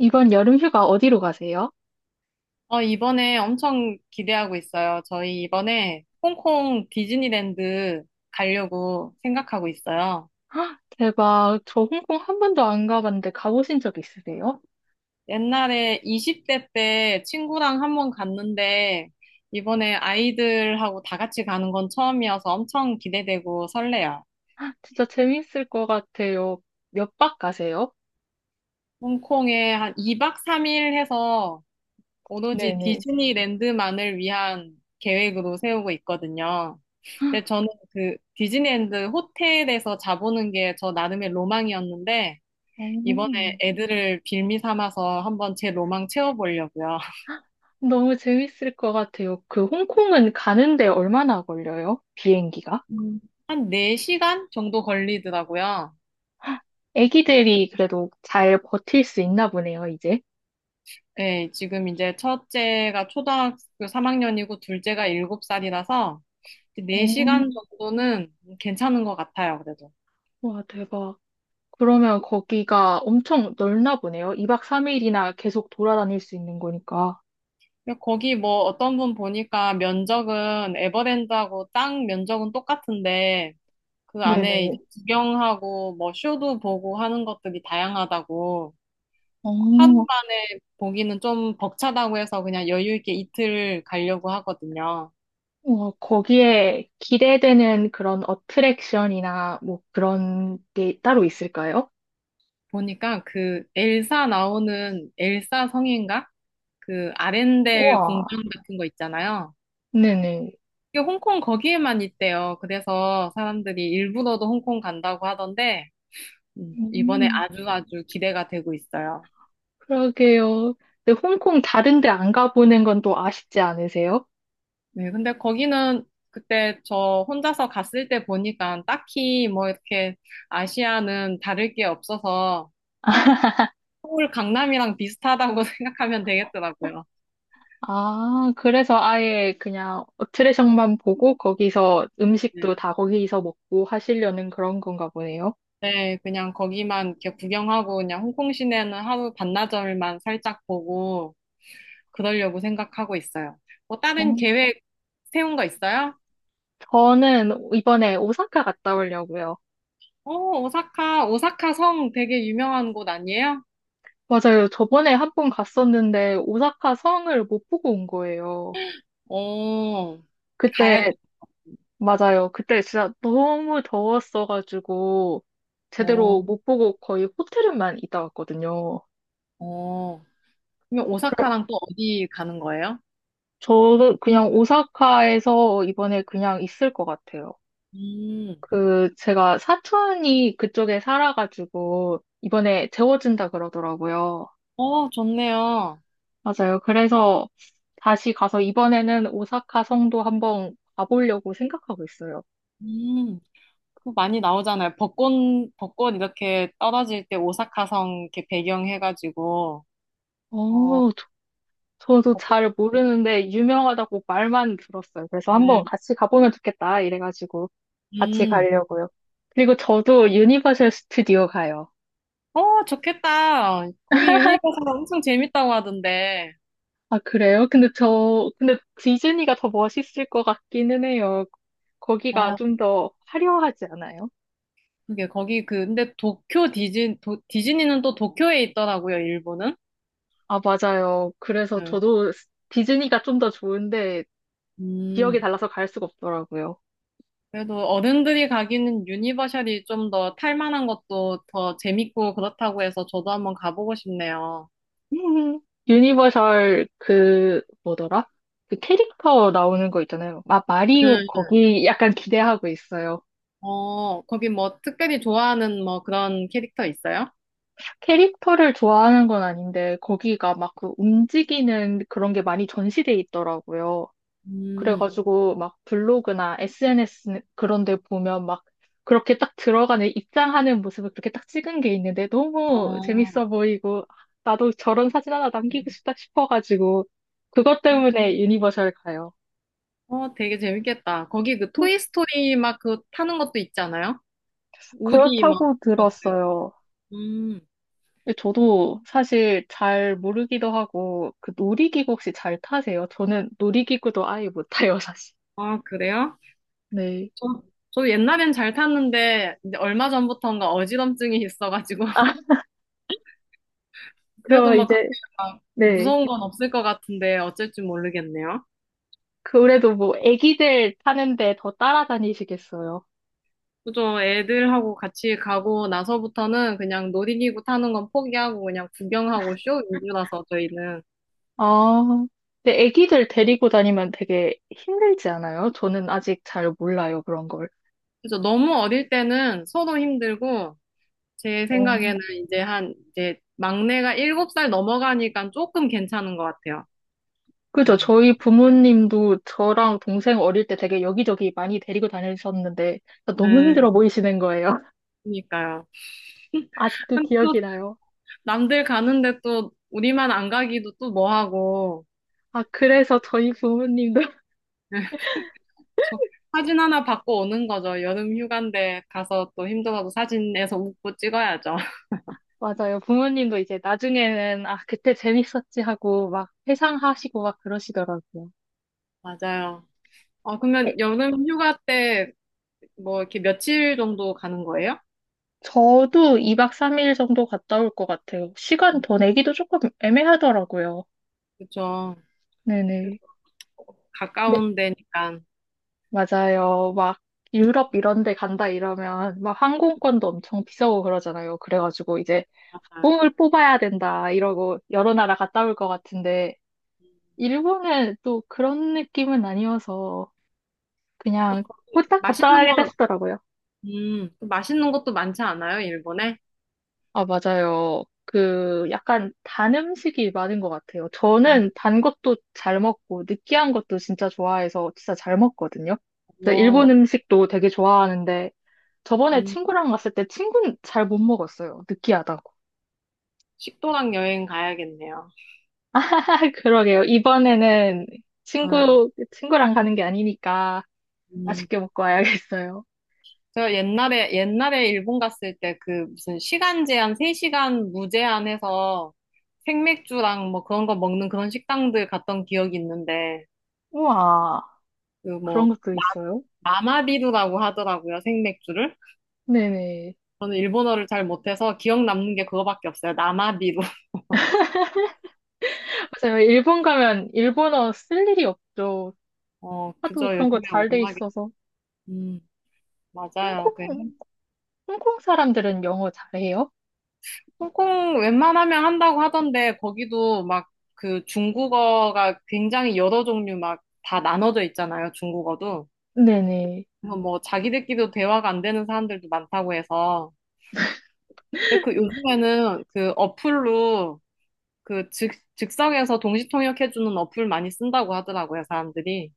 이번 여름 휴가 어디로 가세요? 이번에 엄청 기대하고 있어요. 저희 이번에 홍콩 디즈니랜드 가려고 생각하고 있어요. 헉, 대박. 저 홍콩 한 번도 안 가봤는데 가보신 적 있으세요? 옛날에 20대 때 친구랑 한번 갔는데 이번에 아이들하고 다 같이 가는 건 처음이어서 엄청 기대되고 설레요. 진짜 재밌을 것 같아요. 몇 박 가세요? 홍콩에 한 2박 3일 해서 오로지 네네. 디즈니랜드만을 위한 계획으로 세우고 있거든요. 근데 저는 그 디즈니랜드 호텔에서 자보는 게 저 나름의 로망이었는데 이번에 오, 애들을 빌미 삼아서 한번 제 로망 채워보려고요. 너무 재밌을 것 같아요. 그 홍콩은 가는데 얼마나 걸려요? 비행기가? 음. 한 4시간 정도 걸리더라고요. 애기들이 그래도 잘 버틸 수 있나 보네요, 이제. 네, 지금 이제 첫째가 초등학교 3학년이고 둘째가 7살이라서 4시간 오, 정도는 괜찮은 것 같아요, 그래도. 와, 대박. 그러면 거기가 엄청 넓나 보네요. 2박 3일이나 계속 돌아다닐 수 있는 거니까. 근데 거기 뭐 어떤 분 보니까 면적은 에버랜드하고 땅 면적은 똑같은데 그 안에 이제 네네. 구경하고 뭐 쇼도 보고 하는 것들이 다양하다고. 하루 오, 만에 보기는 좀 벅차다고 해서 그냥 여유 있게 이틀 가려고 하거든요. 어, 거기에 기대되는 그런 어트랙션이나 뭐 그런 게 따로 있을까요? 보니까 그 엘사 나오는 엘사 성인가? 그 아렌델 우와. 공방 같은 거 있잖아요. 네네. 이게 홍콩 거기에만 있대요. 그래서 사람들이 일부러도 홍콩 간다고 하던데 이번에 음, 아주 아주 기대가 되고 있어요. 그러게요. 근데 홍콩 다른 데 안 가보는 건 또 아쉽지 않으세요? 네, 근데 거기는 그때 저 혼자서 갔을 때 보니까 딱히 뭐 이렇게 아시아는 다를 게 없어서 서울 강남이랑 비슷하다고 생각하면 되겠더라고요. 아, 그래서 아예 그냥 어트랙션만 보고 거기서 네, 음식도 다 거기서 먹고 하시려는 그런 건가 보네요. 네, 그냥 거기만 이렇게 구경하고 그냥 홍콩 시내는 하루 반나절만 살짝 보고 그러려고 생각하고 있어요. 뭐 어, 다른 계획 세운 거 있어요? 저는 이번에 오사카 갔다 오려고요. 오, 오사카, 오사카 성 되게 유명한 곳 아니에요? 맞아요. 저번에 한 번 갔었는데 오사카 성을 못 보고 온 거예요. 오 가야지. 그때, 맞아요. 그때 진짜 너무 더웠어가지고, 제대로 오, 못 보고 거의 호텔에만 있다 왔거든요. 오. 그럼 그래, 오사카랑 또 어디 가는 거예요? 저도 그냥 오사카에서 이번에 그냥 있을 것 같아요. 음, 그, 제가 사촌이 그쪽에 살아가지고, 이번에 재워준다 그러더라고요. 어, 좋네요. 맞아요. 그래서 다시 가서 이번에는 오사카 성도 한번 가보려고 생각하고 있어요. 음. 많이 나오잖아요. 벚꽃, 벚꽃 이렇게 떨어질 때 오사카성 이렇게 배경해가지고, 어, 어, 저도 벚꽃, 잘 모르는데 유명하다고 말만 들었어요. 그래서 네. 한번 같이 가보면 좋겠다 이래가지고 같이 음, 가려고요. 그리고 저도 유니버셜 스튜디오 가요. 어, 좋겠다. 거기 유니버설 엄청 재밌다고 하던데. 아, 그래요? 근데 저, 근데 디즈니가 더 멋있을 것 같기는 해요. 거기가 아, 좀 더 화려하지 않아요? 그게 거기 그, 근데 도쿄 디즈니, 도, 디즈니는 또 도쿄에 있더라고요, 일본은. 아, 맞아요. 그래서 네. 저도 디즈니가 좀 더 좋은데 지역이 음, 달라서 갈 수가 없더라고요. 그래도 어른들이 가기는 유니버셜이 좀 더 탈만한 것도 더 재밌고 그렇다고 해서 저도 한번 가보고 싶네요. 음. 유니버설 그 뭐더라? 그 캐릭터 나오는 거 있잖아요. 마, 마리오 거기 약간 기대하고 있어요. 어, 거기 뭐 특별히 좋아하는 뭐 그런 캐릭터 있어요? 캐릭터를 좋아하는 건 아닌데 거기가 막 그 움직이는 그런 게 많이 전시돼 있더라고요. 음, 그래가지고 막 블로그나 SNS 그런 데 보면 막 그렇게 딱 들어가는 입장하는 모습을 그렇게 딱 찍은 게 있는데 아, 너무 재밌어 보이고 아, 나도 저런 사진 하나 남기고 싶다 싶어가지고 그것 때문에 유니버설 가요. 어, 되게 재밌겠다. 거기 그 토이스토리 막 그 타는 것도 있지 않아요? 우디 막. 그렇다고 그거지. 들었어요. 음, 근데 저도 사실 잘 모르기도 하고, 그 놀이기구 혹시 잘 타세요? 저는 놀이기구도 아예 못 타요, 사실. 아, 그래요? 네. 저, 저 옛날엔 잘 탔는데, 이제 얼마 전부터인가 어지럼증이 있어가지고. 아, 그래도 그럼 막 그렇게 이제, 막 네. 무서운 건 없을 것 같은데, 어쩔 줄 모르겠네요. 그래도 뭐, 애기들 타는데 더 따라다니시겠어요? 그죠. 애들하고 같이 가고 나서부터는 그냥 놀이기구 타는 건 포기하고 그냥 구경하고 쇼 위주라서 저희는. 아, 근데 애기들 데리고 다니면 되게 힘들지 않아요? 저는 아직 잘 몰라요, 그런 걸. 그죠. 너무 어릴 때는 서로 힘들고 제 어. 생각에는 이제 한 이제 막내가 일곱 살 넘어가니까 조금 괜찮은 것 같아요. 그죠. 음. 저희 부모님도 저랑 동생 어릴 때 되게 여기저기 많이 데리고 다니셨는데, 너무 네, 힘들어 보이시는 거예요. 그러니까요. 아직도 근데 또 기억이 나요. 남들 가는데 또 우리만 안 가기도 또 뭐하고. 아, 그래서 저희 부모님도, 저 사진 하나 받고 오는 거죠. 여름 휴가인데 가서 또 힘들어도 사진에서 웃고 찍어야죠. 맞아요. 부모님도 이제 나중에는, 아, 그때 재밌었지 하고 막 회상하시고 막 그러시더라고요. 맞아요. 아, 에, 그러면 여름 휴가 때 뭐 이렇게 며칠 정도 가는 거예요? 저도 2박 3일 정도 갔다 올 것 같아요. 시간 음, 더 내기도 조금 애매하더라고요. 그죠. 그래도 네네. 네, 가까운 데니까. 맞아요. 막 유럽 이런 데 간다 이러면 막 항공권도 엄청 비싸고 그러잖아요. 그래가지고 이제 약간, 어, 뽕을 뽑아야 된다 이러고 여러 나라 갔다 올 것 같은데, 일본은 또 그런 느낌은 아니어서 그냥 거기 후딱 갔다 맛있는 와야겠다 거, 싶더라고요. 또 맛있는 것도 많지 않아요, 일본에? 아, 맞아요. 그 약간 단 음식이 많은 것 같아요. 음, 저는 단 것도 잘 먹고 느끼한 것도 진짜 좋아해서 진짜 잘 먹거든요. 그래서 어, 일본 음식도 되게 좋아하는데 저번에 음, 친구랑 갔을 때 친구는 잘 못 먹었어요. 느끼하다고. 식도락 여행 가야겠네요. 그러게요. 이번에는 음, 친구랑 가는 게 아니니까 음. 맛있게 먹고 와야겠어요. 제가 옛날에 일본 갔을 때 그 무슨 시간 제한, 3시간 무제한 해서 생맥주랑 뭐 그런 거 먹는 그런 식당들 갔던 기억이 있는데, 우와, 그 그런 뭐, 것도 있어요. 나마비루라고 하더라고요, 생맥주를. 네네. 저는 일본어를 잘 못해서 기억 남는 게 그거밖에 없어요. 나마비루. 맞아요. 일본 가면 일본어 쓸 일이 없죠. 어, 하도 그죠. 그런 거 요즘에 잘 돼 워낙에, 있어서. 음, 맞아요. 그 홍콩, 홍콩 사람들은 영어 잘해요? 홍콩 웬만하면 한다고 하던데, 거기도 막 그 중국어가 굉장히 여러 종류 막 다 나눠져 있잖아요, 중국어도. 네네. 그래서 뭐 자기들끼리도 대화가 안 되는 사람들도 많다고 해서. 근데 그 요즘에는 그 어플로 그 즉석에서 동시 통역해주는 어플 많이 쓴다고 하더라고요, 사람들이.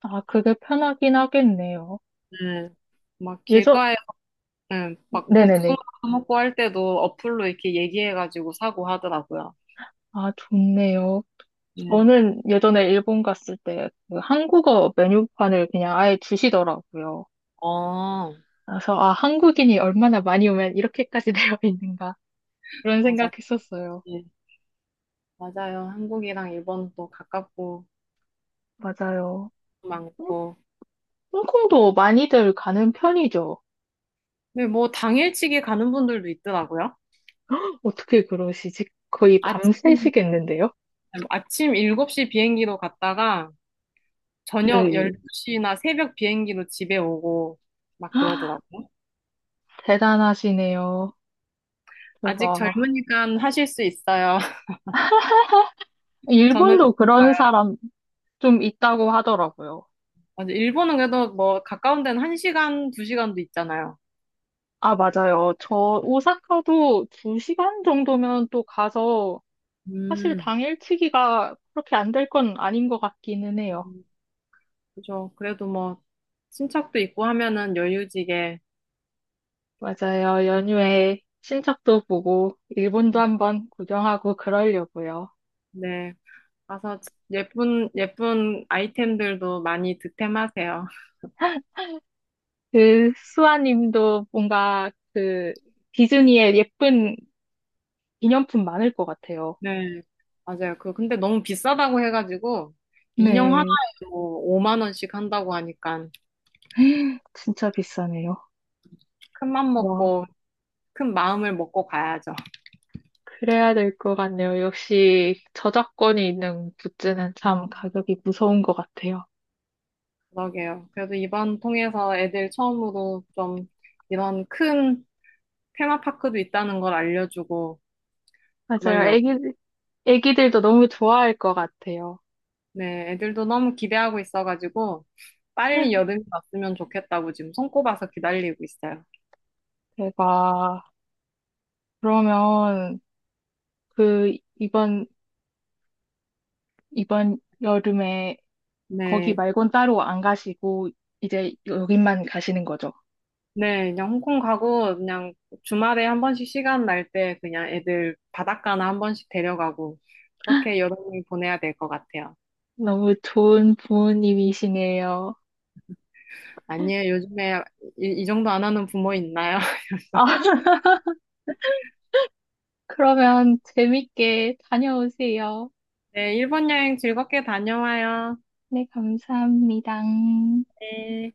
아, 그게 편하긴 하겠네요. 네. 막 예전, 길가에 네. 막 복숭아 네네네. 먹고 할 때도 어플로 이렇게 얘기해가지고 사고 하더라고요. 아, 좋네요. 네. 저는 예전에 일본 갔을 때그 한국어 메뉴판을 그냥 아예 주시더라고요. 어, 그래서, 아, 한국인이 얼마나 많이 오면 이렇게까지 되어 있는가. 그런 맞아. 생각했었어요. 예. 맞아요. 한국이랑 일본도 가깝고 맞아요. 홍- 많고. 홍콩도 많이들 가는 편이죠. 근데 뭐 당일치기 가는 분들도 있더라고요. 어떻게 그러시지? 거의 아침, 밤새시겠는데요? 아침 7시 비행기로 갔다가 저녁 네. 12시나 새벽 비행기로 집에 오고 막 그러더라고요. 대단하시네요. 아직 대박. 젊으니까 하실 수 있어요. 저는 일본도 그런 사람 좀 있다고 하더라고요. 맞아. 일본은 그래도 뭐 가까운 데는 1시간, 2시간도 있잖아요. 아, 음, 맞아요. 저 오사카도 2시간 정도면 또 가서 사실 음, 당일치기가 그렇게 안 될 건 아닌 것 같기는 해요. 음, 그죠. 그래도 뭐 친척도 있고 하면은 여유지게 맞아요. 연휴에 친척도 보고 일본도 한번 구경하고 그러려고요. 네. 가서 예쁜 예쁜 아이템들도 많이 득템하세요. 그 수아님도 뭔가 그 디즈니의 예쁜 기념품 많을 것 같아요. 네. 맞아요. 그 근데 너무 비싸다고 해가지고 인형 하나에 네. 뭐 5만 원씩 한다고 하니까 진짜 비싸네요. 큰 맘 와, 먹고 큰 마음을 먹고 가야죠. 그래야 될 것 같네요. 역시 저작권이 있는 굿즈는 참 가격이 무서운 것 같아요. 그러게요. 그래도 이번 통해서 애들 처음으로 좀 이런 큰 테마파크도 있다는 걸 알려주고 맞아요. 그러려고. 애기들도 너무 좋아할 것 같아요. 네, 애들도 너무 기대하고 있어가지고 빨리 여름이 왔으면 좋겠다고 지금 손꼽아서 기다리고 있어요. 대박. 그러면 그 이번 여름에 거기 네, 말곤 따로 안 가시고 이제 여기만 가시는 거죠? 네, 그냥 홍콩 가고 그냥 주말에 한 번씩 시간 날 때 그냥 애들 바닷가나 한 번씩 데려가고 그렇게 여름을 보내야 될 것 같아요. 너무 좋은 부모님이시네요. 아니에요, 요즘에 이 정도 안 하는 부모 있나요? 아, 그러면 재밌게 다녀오세요. 네, 일본 여행 즐겁게 다녀와요. 네, 감사합니다. 네.